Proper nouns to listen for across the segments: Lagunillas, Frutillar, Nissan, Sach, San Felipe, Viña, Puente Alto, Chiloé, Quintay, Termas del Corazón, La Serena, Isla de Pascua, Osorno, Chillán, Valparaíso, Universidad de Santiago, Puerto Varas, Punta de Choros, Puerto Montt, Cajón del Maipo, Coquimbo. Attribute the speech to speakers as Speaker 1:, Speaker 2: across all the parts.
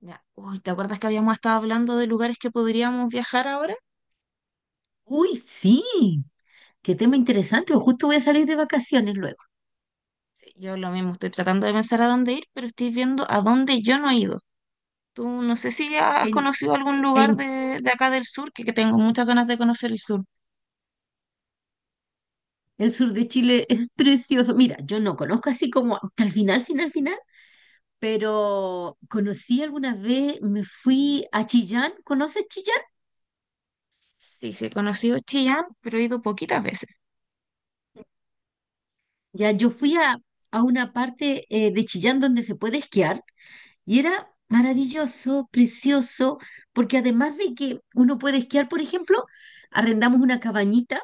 Speaker 1: Ya. Uy, ¿te acuerdas que habíamos estado hablando de lugares que podríamos viajar ahora?
Speaker 2: Uy, sí, qué tema interesante. Pues justo voy a salir de vacaciones luego.
Speaker 1: Sí, yo lo mismo, estoy tratando de pensar a dónde ir, pero estoy viendo a dónde yo no he ido. Tú no sé si has
Speaker 2: En,
Speaker 1: conocido algún
Speaker 2: en
Speaker 1: lugar de acá del sur, que tengo muchas ganas de conocer el sur.
Speaker 2: el sur de Chile es precioso. Mira, yo no conozco así como hasta el final, final, final, pero conocí alguna vez, me fui a Chillán. ¿Conoces Chillán?
Speaker 1: Sí, sí, he conocido Chillán, pero he ido poquitas veces.
Speaker 2: Ya, yo fui a una parte de Chillán donde se puede esquiar y era maravilloso, precioso, porque además de que uno puede esquiar, por ejemplo, arrendamos una cabañita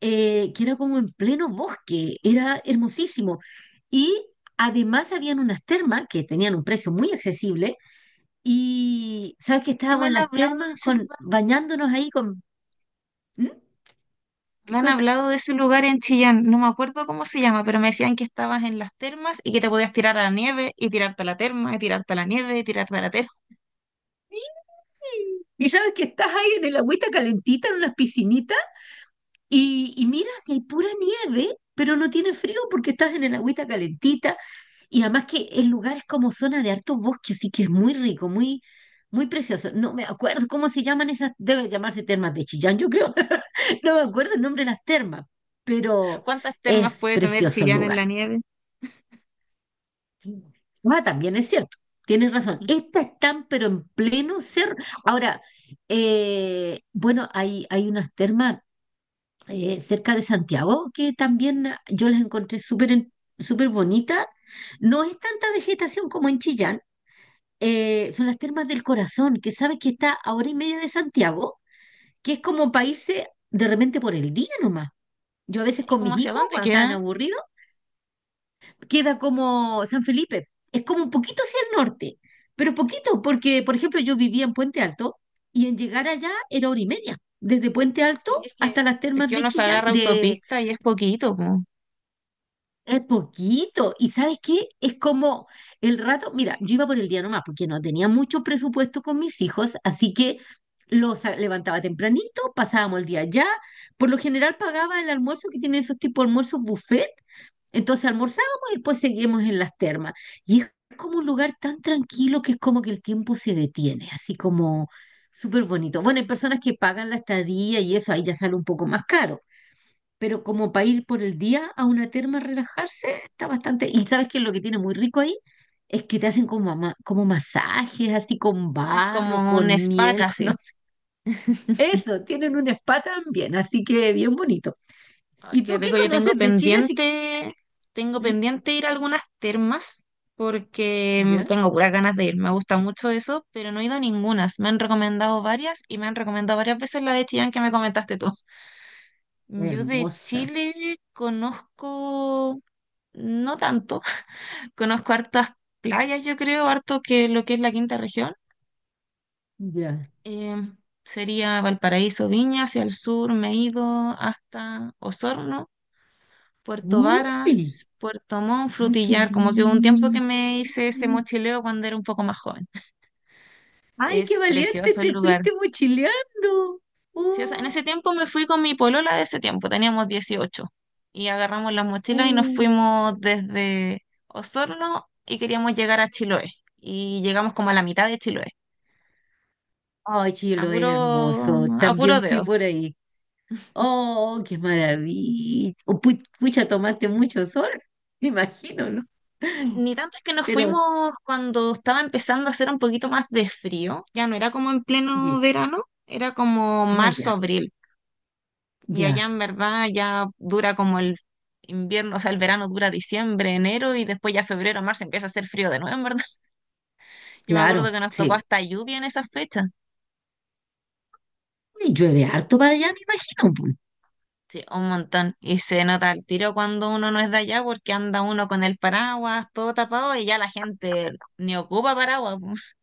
Speaker 2: que era como en pleno bosque, era hermosísimo. Y además habían unas termas que tenían un precio muy accesible y sabes que
Speaker 1: Sí, me
Speaker 2: estábamos en
Speaker 1: han
Speaker 2: las
Speaker 1: hablado de
Speaker 2: termas
Speaker 1: ese
Speaker 2: con,
Speaker 1: lugar,
Speaker 2: bañándonos ahí con. ¿Mm? ¿Qué
Speaker 1: me han
Speaker 2: cosa?
Speaker 1: hablado de ese lugar en Chillán, no me acuerdo cómo se llama, pero me decían que estabas en las termas y que te podías tirar a la nieve y tirarte a la terma y tirarte a la nieve y tirarte a la terma.
Speaker 2: Y sabes que estás ahí en el agüita calentita, en unas piscinitas. Y mira, si hay pura nieve, pero no tiene frío porque estás en el agüita calentita. Y además que el lugar es como zona de hartos bosques, así que es muy rico, muy, muy precioso. No me acuerdo cómo se llaman esas, debe llamarse termas de Chillán, yo creo. No me acuerdo el nombre de las termas, pero
Speaker 1: ¿Cuántas termas
Speaker 2: es
Speaker 1: puede tener
Speaker 2: precioso el
Speaker 1: Chillán en
Speaker 2: lugar.
Speaker 1: la nieve?
Speaker 2: Ah, también es cierto, tienes razón. Estas están, pero en pleno cerro. Ahora, bueno, hay unas termas cerca de Santiago, que también yo las encontré súper bonitas. No es tanta vegetación como en Chillán, son las Termas del Corazón, que sabes que está a hora y media de Santiago, que es como para irse de repente por el día nomás. Yo a veces
Speaker 1: ¿Y
Speaker 2: con
Speaker 1: cómo
Speaker 2: mis
Speaker 1: hacia
Speaker 2: hijos,
Speaker 1: dónde
Speaker 2: cuando estaban
Speaker 1: queda?
Speaker 2: aburridos, queda como San Felipe, es como un poquito hacia el norte, pero poquito, porque por ejemplo yo vivía en Puente Alto y en llegar allá era hora y media, desde Puente Alto
Speaker 1: Sí, es que,
Speaker 2: hasta las
Speaker 1: es
Speaker 2: termas
Speaker 1: que
Speaker 2: de
Speaker 1: uno se
Speaker 2: Chillán.
Speaker 1: agarra autopista y es poquito, po.
Speaker 2: Es poquito. ¿Y sabes qué? Es como el rato, mira, yo iba por el día nomás porque no tenía mucho presupuesto con mis hijos, así que los levantaba tempranito, pasábamos el día allá. Por lo general pagaba el almuerzo que tienen esos tipos de almuerzos buffet. Entonces almorzábamos y después seguíamos en las termas. Y es como un lugar tan tranquilo que es como que el tiempo se detiene, así como súper bonito. Bueno, hay personas que pagan la estadía y eso ahí ya sale un poco más caro, pero como para ir por el día a una terma a relajarse, está bastante. Y sabes que lo que tiene muy rico ahí es que te hacen como, como masajes, así con
Speaker 1: Ah, es
Speaker 2: barro,
Speaker 1: como un
Speaker 2: con
Speaker 1: spa
Speaker 2: miel, con no
Speaker 1: casi.
Speaker 2: sé. Eso, tienen un spa también, así que bien bonito.
Speaker 1: Ay,
Speaker 2: ¿Y
Speaker 1: qué
Speaker 2: tú qué
Speaker 1: rico, yo tengo
Speaker 2: conoces de Chile? Así.
Speaker 1: tengo
Speaker 2: ¿Mm?
Speaker 1: pendiente ir a algunas termas porque
Speaker 2: ¿Ya?
Speaker 1: tengo puras ganas de ir, me gusta mucho eso, pero no he ido a ninguna. Me han recomendado varias y me han recomendado varias veces la de Chillán que me comentaste tú. Yo de
Speaker 2: Hermosa.
Speaker 1: Chile conozco, no tanto. Conozco hartas playas, yo creo, harto, que lo que es la 5.ª región.
Speaker 2: Ya.
Speaker 1: Em, Sería Valparaíso, Viña, hacia el sur me he ido hasta Osorno, Puerto
Speaker 2: Uy,
Speaker 1: Varas, Puerto Montt,
Speaker 2: ay, qué
Speaker 1: Frutillar, como que hubo un tiempo
Speaker 2: lindo.
Speaker 1: que me hice ese mochileo cuando era un poco más joven.
Speaker 2: Ay, qué
Speaker 1: Es
Speaker 2: valiente,
Speaker 1: precioso el
Speaker 2: te
Speaker 1: lugar.
Speaker 2: fuiste mochileando.
Speaker 1: Sí, o sea, en
Speaker 2: Uh,
Speaker 1: ese tiempo me fui con mi polola de ese tiempo, teníamos 18 y agarramos las mochilas y nos
Speaker 2: uh.
Speaker 1: fuimos desde Osorno y queríamos llegar a Chiloé y llegamos como a la mitad de Chiloé,
Speaker 2: Ay,
Speaker 1: a
Speaker 2: Chilo, es
Speaker 1: puro,
Speaker 2: hermoso.
Speaker 1: a puro
Speaker 2: También fui
Speaker 1: dedo.
Speaker 2: por ahí. Oh, qué maravilla. Pucha, tomaste mucho sol, me imagino, ¿no?
Speaker 1: Ni tanto, es que nos
Speaker 2: Pero,
Speaker 1: fuimos cuando estaba empezando a hacer un poquito más de frío, ya no era como en pleno
Speaker 2: ye-
Speaker 1: verano, era como
Speaker 2: ah,
Speaker 1: marzo,
Speaker 2: ya,
Speaker 1: abril, y allá
Speaker 2: ya,
Speaker 1: en verdad ya dura como el invierno, o sea, el verano dura diciembre, enero, y después ya febrero, marzo empieza a hacer frío de nuevo, en verdad. Yo me acuerdo
Speaker 2: claro,
Speaker 1: que nos tocó
Speaker 2: sí.
Speaker 1: hasta lluvia en esas fechas,
Speaker 2: Y llueve harto para allá, me imagino, pues.
Speaker 1: sí, un montón, y se nota el tiro cuando uno no es de allá porque anda uno con el paraguas todo tapado y ya la gente ni ocupa paraguas,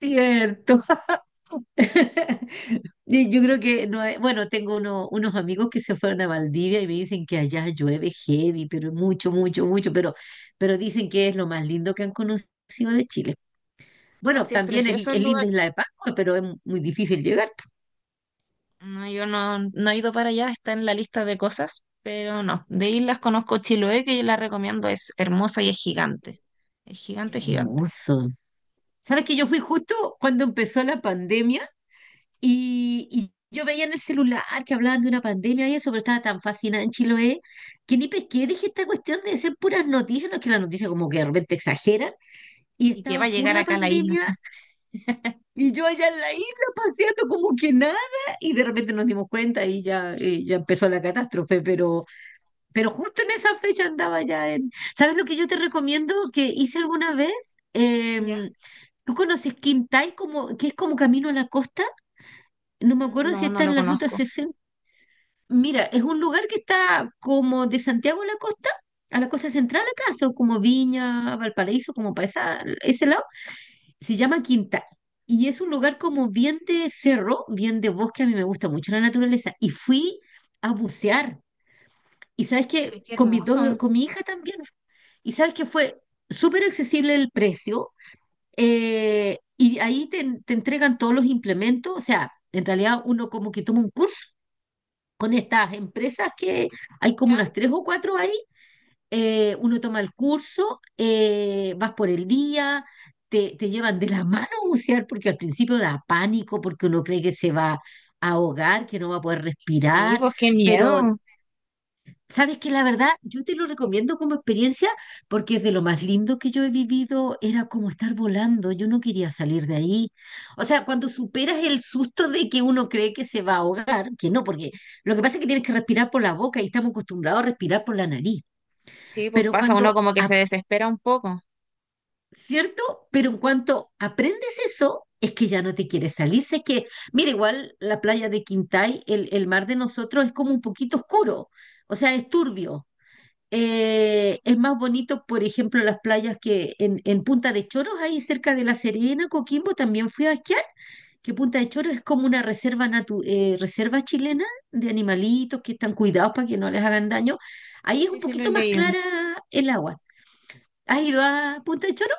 Speaker 2: Cierto. Y yo creo que no, bueno, tengo unos amigos que se fueron a Valdivia y me dicen que allá llueve heavy, pero mucho, mucho, mucho, pero dicen que es lo más lindo que han conocido de Chile.
Speaker 1: ¿no?
Speaker 2: Bueno,
Speaker 1: Sí, es
Speaker 2: también es,
Speaker 1: precioso el
Speaker 2: es
Speaker 1: lugar.
Speaker 2: linda Isla de Pascua, pero es muy difícil llegar.
Speaker 1: No, yo no he ido para allá, está en la lista de cosas, pero no. De islas conozco Chiloé, que yo la recomiendo, es hermosa y es gigante. Es gigante, gigante.
Speaker 2: Hermoso. ¿Sabes que yo fui justo cuando empezó la pandemia y yo veía en el celular que hablaban de una pandemia y eso, pero estaba tan fascinada en Chiloé que ni pesqué? Dije, esta cuestión de ser puras noticias, no es que las noticias como que de repente exageran. Y
Speaker 1: ¿Y qué va
Speaker 2: estaba
Speaker 1: a
Speaker 2: full
Speaker 1: llegar
Speaker 2: la
Speaker 1: acá a la isla?
Speaker 2: pandemia y yo allá en la isla paseando como que nada y de repente nos dimos cuenta y ya, ya empezó la catástrofe, pero. Pero justo en esa fecha andaba ya en. ¿Sabes lo que yo te recomiendo que hice alguna vez?
Speaker 1: ¿Ya?
Speaker 2: Em, ¿Tú conoces Quintay, como, que es como camino a la costa? No me acuerdo si
Speaker 1: No, no
Speaker 2: está
Speaker 1: lo
Speaker 2: en la ruta
Speaker 1: conozco.
Speaker 2: 60. Mira, es un lugar que está como de Santiago a la costa central acá, son como Viña, Valparaíso, como para ese lado. Se
Speaker 1: ¿Ya?
Speaker 2: llama Quintay. Y es un lugar como bien de cerro, bien de bosque, a mí me gusta mucho la naturaleza. Y fui a bucear. Y sabes
Speaker 1: Pues
Speaker 2: que
Speaker 1: qué
Speaker 2: con mis
Speaker 1: hermoso.
Speaker 2: dos, con mi hija también. Y sabes que fue súper accesible el precio, y ahí te, entregan todos los implementos, o sea, en realidad uno como que toma un curso con estas empresas que hay como
Speaker 1: ¿Ya?
Speaker 2: unas tres o cuatro ahí, uno toma el curso, vas por el día, te llevan de la mano a bucear porque al principio da pánico, porque uno cree que se va a ahogar, que no va a poder
Speaker 1: Sí,
Speaker 2: respirar,
Speaker 1: pues qué miedo.
Speaker 2: pero sabes que la verdad, yo te lo recomiendo como experiencia porque es de lo más lindo que yo he vivido, era como estar volando, yo no quería salir de ahí. O sea, cuando superas el susto de que uno cree que se va a ahogar, que no, porque lo que pasa es que tienes que respirar por la boca y estamos acostumbrados a respirar por la nariz.
Speaker 1: Sí, pues
Speaker 2: Pero
Speaker 1: pasa, uno
Speaker 2: cuando,
Speaker 1: como que se desespera un poco.
Speaker 2: ¿cierto? Pero en cuanto aprendes eso, es que ya no te quieres salir. Sé que, mira, igual la playa de Quintay, el, mar de nosotros es como un poquito oscuro, o sea, es turbio, es más bonito, por ejemplo, las playas que en Punta de Choros, ahí cerca de La Serena, Coquimbo, también fui a esquiar, que Punta de Choros es como una reserva, reserva chilena de animalitos que están cuidados para que no les hagan daño. Ahí es
Speaker 1: Sí,
Speaker 2: un
Speaker 1: sí, lo he
Speaker 2: poquito más
Speaker 1: leído.
Speaker 2: clara el agua. ¿Has ido a Punta de Choros?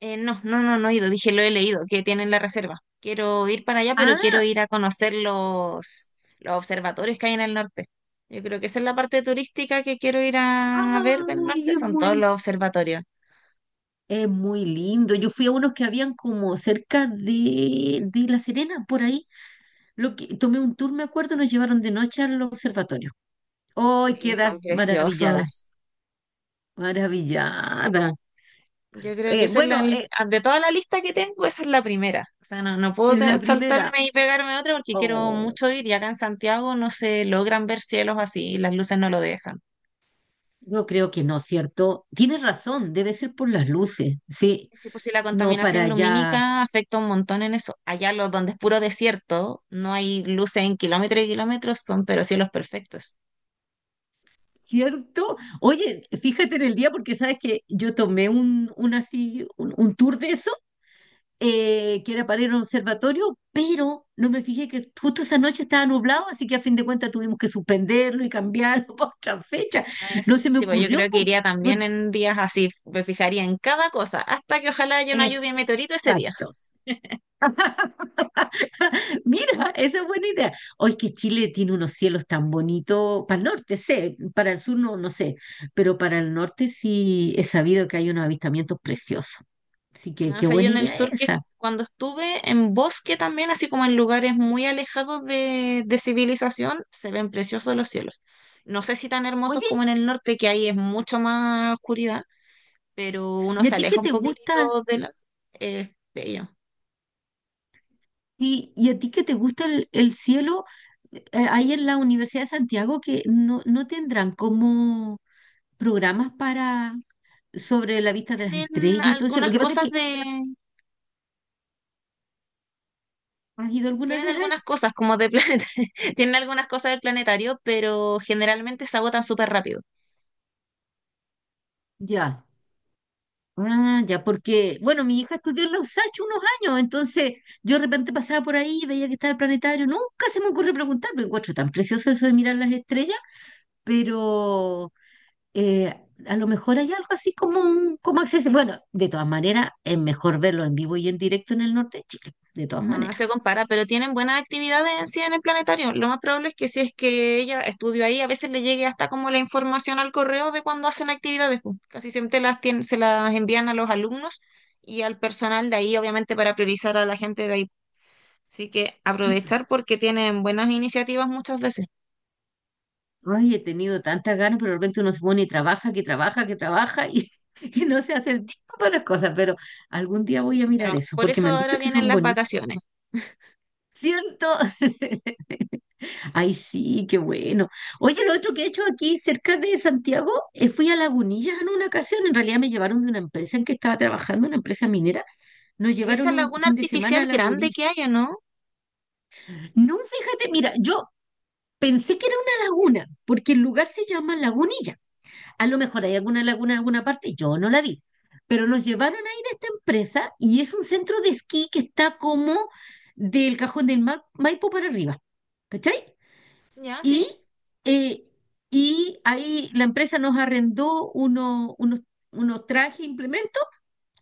Speaker 1: No, no, no, no he ido, dije, lo he leído, que tienen la reserva. Quiero ir para allá, pero quiero
Speaker 2: Ah,
Speaker 1: ir a conocer los observatorios que hay en el norte. Yo creo que esa es la parte turística que quiero ir a ver del
Speaker 2: ay,
Speaker 1: norte,
Speaker 2: es
Speaker 1: son todos
Speaker 2: muy,
Speaker 1: los observatorios.
Speaker 2: es muy lindo. Yo fui a unos que habían como cerca de La Serena, por ahí. Lo que, tomé un tour, me acuerdo, nos llevaron de noche al observatorio. Hoy
Speaker 1: Sí,
Speaker 2: quedas
Speaker 1: son
Speaker 2: maravillada,
Speaker 1: preciosos.
Speaker 2: maravillada.
Speaker 1: Yo creo que
Speaker 2: Eh,
Speaker 1: esa es
Speaker 2: bueno,
Speaker 1: de toda la lista que tengo, esa es la primera. O sea, no, no puedo
Speaker 2: en la primera,
Speaker 1: saltarme y pegarme otra porque quiero
Speaker 2: oh,
Speaker 1: mucho ir y acá en Santiago no se logran ver cielos así, las luces no lo dejan.
Speaker 2: yo creo que no, ¿cierto? Tienes razón, debe ser por las luces, sí,
Speaker 1: Sí, pues sí, la
Speaker 2: no para
Speaker 1: contaminación
Speaker 2: allá,
Speaker 1: lumínica afecta un montón en eso. Allá donde es puro desierto, no hay luces en kilómetros y kilómetros, son pero cielos perfectos.
Speaker 2: ¿cierto? Oye, fíjate en el día porque sabes que yo tomé un, así, un tour de eso, que era para ir a un observatorio, pero no me fijé que justo esa noche estaba nublado, así que a fin de cuentas tuvimos que suspenderlo y cambiarlo para otra fecha.
Speaker 1: Ah, ya.
Speaker 2: No
Speaker 1: Sí,
Speaker 2: se me
Speaker 1: sí, pues yo
Speaker 2: ocurrió,
Speaker 1: creo que
Speaker 2: po.
Speaker 1: iría también en días así, me fijaría en cada cosa, hasta que ojalá haya una lluvia de meteorito ese día.
Speaker 2: Exacto. Mira, esa es buena idea. Hoy que Chile tiene unos cielos tan bonitos, para el norte sé, para el sur no, no sé, pero para el norte sí he sabido que hay unos avistamientos preciosos. Así que
Speaker 1: No, o
Speaker 2: qué
Speaker 1: sea, yo
Speaker 2: buena
Speaker 1: en el
Speaker 2: idea
Speaker 1: sur, que
Speaker 2: esa.
Speaker 1: cuando estuve en bosque también, así como en lugares muy alejados de civilización, se ven preciosos los cielos. No sé si tan hermosos
Speaker 2: Oye,
Speaker 1: como en el norte, que ahí es mucho más oscuridad, pero uno
Speaker 2: ¿y
Speaker 1: se
Speaker 2: a ti qué
Speaker 1: aleja un
Speaker 2: te gusta?
Speaker 1: poquitito de las de ellos.
Speaker 2: ¿Y a ti qué te gusta el cielo? Eh, Ahí en la Universidad de Santiago que no, no tendrán como programas para sobre la vista de las
Speaker 1: Tienen
Speaker 2: estrellas y todo eso. Lo
Speaker 1: algunas
Speaker 2: que pasa es que, ¿has ido alguna
Speaker 1: tienen
Speaker 2: vez a
Speaker 1: algunas
Speaker 2: eso?
Speaker 1: cosas como de planeta, tienen algunas cosas del planetario, pero generalmente se agotan súper rápido.
Speaker 2: Ya, ah, ya, porque, bueno, mi hija estudió en los Sach unos años, entonces yo de repente pasaba por ahí y veía que estaba el planetario. Nunca se me ocurre preguntar, me encuentro tan precioso eso de mirar las estrellas, pero eh, a lo mejor hay algo así como, como acceso. Bueno, de todas maneras, es mejor verlo en vivo y en directo en el norte de Chile, de todas
Speaker 1: No, no
Speaker 2: maneras.
Speaker 1: se compara, pero tienen buenas actividades en sí en el planetario. Lo más probable es que si es que ella estudió ahí, a veces le llegue hasta como la información al correo de cuando hacen actividades, pues. Casi siempre las se las envían a los alumnos y al personal de ahí, obviamente, para priorizar a la gente de ahí. Así que
Speaker 2: Sí, pues,
Speaker 1: aprovechar porque tienen buenas iniciativas muchas veces.
Speaker 2: ay, he tenido tantas ganas, pero de repente uno se pone y trabaja, que trabaja, que trabaja y, y no se hace el tiempo para las cosas, pero algún día
Speaker 1: Sí.
Speaker 2: voy a mirar
Speaker 1: Pero
Speaker 2: eso,
Speaker 1: por
Speaker 2: porque
Speaker 1: eso
Speaker 2: me han
Speaker 1: ahora
Speaker 2: dicho que
Speaker 1: vienen
Speaker 2: son
Speaker 1: las
Speaker 2: bonitas.
Speaker 1: vacaciones.
Speaker 2: ¿Cierto? Ay, sí, qué bueno. Oye, lo otro que he hecho aquí cerca de Santiago, fui a Lagunillas en una ocasión. En realidad me llevaron de una empresa en que estaba trabajando, una empresa minera. Nos
Speaker 1: Esa
Speaker 2: llevaron un
Speaker 1: laguna
Speaker 2: fin de semana a
Speaker 1: artificial grande
Speaker 2: Lagunillas.
Speaker 1: que hay, ¿o no?
Speaker 2: No, fíjate, mira, yo pensé que era una laguna, porque el lugar se llama Lagunilla. A lo mejor hay alguna laguna en alguna parte, yo no la vi. Pero nos llevaron ahí de esta empresa y es un centro de esquí que está como del Cajón del Maipo para arriba. ¿Cachai?
Speaker 1: Ya,
Speaker 2: Y,
Speaker 1: sí.
Speaker 2: eh, y ahí la empresa nos arrendó unos trajes, implementos,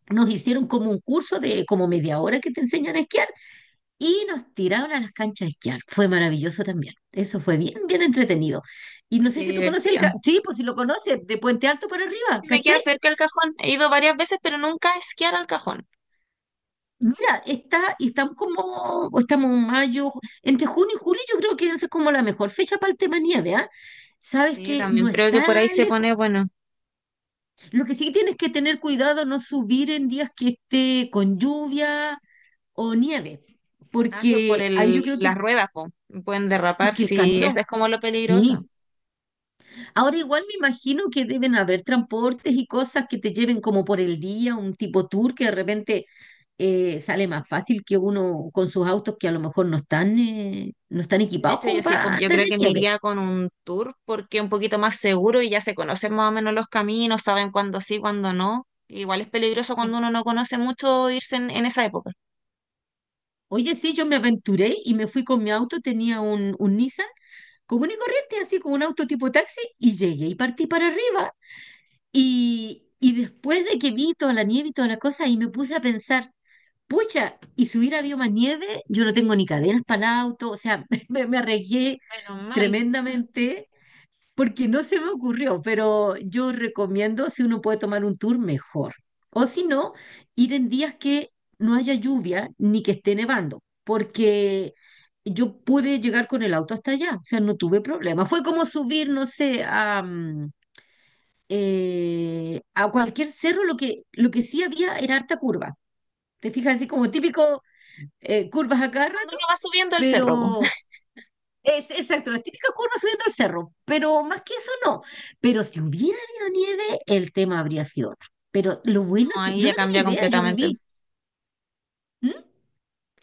Speaker 2: nos hicieron como un curso de como media hora que te enseñan a esquiar y nos tiraron a las canchas a esquiar. Fue maravilloso también. Eso fue bien, bien entretenido. Y
Speaker 1: Ay,
Speaker 2: no sé
Speaker 1: qué
Speaker 2: si tú conoces
Speaker 1: divertido.
Speaker 2: sí, pues si lo conoces, de Puente Alto para arriba,
Speaker 1: Y me
Speaker 2: ¿cachai?
Speaker 1: queda cerca el cajón. He ido varias veces, pero nunca a esquiar al cajón.
Speaker 2: Mira, está, y estamos como, o estamos en mayo, entre junio y julio, yo creo que esa es como la mejor fecha para el tema nieve, ¿ah? Sabes
Speaker 1: Sí,
Speaker 2: que
Speaker 1: también
Speaker 2: no
Speaker 1: creo que
Speaker 2: está
Speaker 1: por ahí se
Speaker 2: lejos.
Speaker 1: pone, bueno,
Speaker 2: Lo que sí tienes que tener cuidado no subir en días que esté con lluvia o nieve,
Speaker 1: gracias por
Speaker 2: porque ahí
Speaker 1: el,
Speaker 2: yo creo que,
Speaker 1: las ruedas, po. Pueden derrapar,
Speaker 2: porque el
Speaker 1: sí, eso
Speaker 2: camino,
Speaker 1: es como lo peligroso.
Speaker 2: sí. Ahora igual me imagino que deben haber transportes y cosas que te lleven como por el día, un tipo tour que de repente, sale más fácil que uno con sus autos que a lo mejor no están, no están
Speaker 1: De
Speaker 2: equipados
Speaker 1: hecho, yo
Speaker 2: como
Speaker 1: sí, pues
Speaker 2: para
Speaker 1: yo
Speaker 2: andar
Speaker 1: creo
Speaker 2: en
Speaker 1: que me
Speaker 2: nieve.
Speaker 1: iría con un tour porque es un poquito más seguro y ya se conocen más o menos los caminos, saben cuándo sí, cuándo no. Igual es peligroso cuando
Speaker 2: Sí.
Speaker 1: uno no conoce mucho irse en esa época.
Speaker 2: Oye, sí, yo me aventuré y me fui con mi auto, tenía un, Nissan común y corriente, así como un auto tipo taxi, y llegué y partí para arriba. Y después de que vi toda la nieve y toda la cosa, y me puse a pensar, pucha, y si hubiera habido más nieve, yo no tengo ni cadenas para el auto, o sea, me, arriesgué
Speaker 1: Menos mal.
Speaker 2: tremendamente porque no se me ocurrió, pero yo recomiendo si uno puede tomar un tour mejor. O si no, ir en días que no haya lluvia ni que esté nevando, porque yo pude llegar con el auto hasta allá, o sea, no tuve problema. Fue como subir, no sé, a cualquier cerro, lo que sí había era harta curva. Te fijas, así como típico, curvas a cada
Speaker 1: Cuando
Speaker 2: rato,
Speaker 1: uno va subiendo el cerro, pues.
Speaker 2: pero exacto, la típica curva subiendo el cerro, pero más que eso no. Pero si hubiera habido nieve, el tema habría sido otro. Pero lo bueno es
Speaker 1: No,
Speaker 2: que
Speaker 1: ahí
Speaker 2: yo
Speaker 1: ya
Speaker 2: no
Speaker 1: cambia
Speaker 2: tenía idea, yo
Speaker 1: completamente.
Speaker 2: viví. ¿M?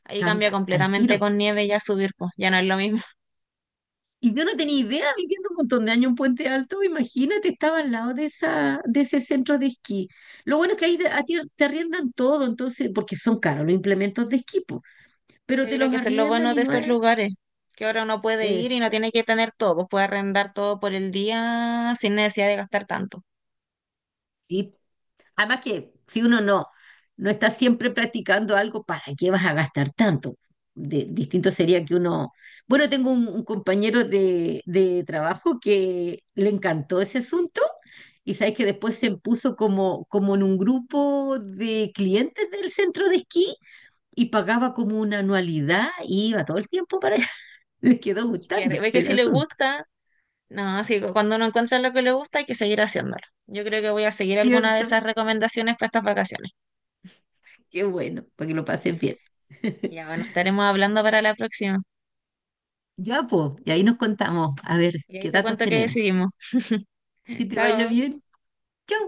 Speaker 1: Ahí cambia
Speaker 2: Cambia al
Speaker 1: completamente
Speaker 2: tiro.
Speaker 1: con nieve ya subir, pues. Ya no es lo mismo.
Speaker 2: Y yo no tenía idea, viviendo un montón de años en Puente Alto, imagínate, estaba al lado de ese centro de esquí. Lo bueno es que ahí a ti te arriendan todo, entonces, porque son caros los implementos de esquí, po, pero
Speaker 1: Yo
Speaker 2: te
Speaker 1: creo
Speaker 2: los
Speaker 1: que eso es lo
Speaker 2: arriendan
Speaker 1: bueno
Speaker 2: y
Speaker 1: de
Speaker 2: no
Speaker 1: esos
Speaker 2: es.
Speaker 1: lugares, que ahora uno puede ir y no tiene
Speaker 2: Exacto.
Speaker 1: que tener todo, pues puede arrendar todo por el día sin necesidad de gastar tanto.
Speaker 2: Además que si uno no, no está siempre practicando algo, ¿para qué vas a gastar tanto? Distinto sería que uno. Bueno, tengo un, compañero de trabajo que le encantó ese asunto y sabes que después se puso como en un grupo de clientes del centro de esquí y pagaba como una anualidad y iba todo el tiempo para allá. Le quedó
Speaker 1: Así que
Speaker 2: gustando
Speaker 1: ve que
Speaker 2: el
Speaker 1: si le
Speaker 2: asunto,
Speaker 1: gusta. No, sí, cuando uno encuentra lo que le gusta hay que seguir haciéndolo. Yo creo que voy a seguir alguna de
Speaker 2: ¿cierto?
Speaker 1: esas recomendaciones para estas vacaciones.
Speaker 2: Qué bueno, para que lo pasen bien.
Speaker 1: Ya, bueno, estaremos hablando para la próxima.
Speaker 2: Ya, pues, y ahí nos contamos, a ver
Speaker 1: Y ahí
Speaker 2: qué
Speaker 1: te
Speaker 2: datos
Speaker 1: cuento qué
Speaker 2: tenemos.
Speaker 1: decidimos.
Speaker 2: Que te vaya
Speaker 1: Chao.
Speaker 2: bien. Chau.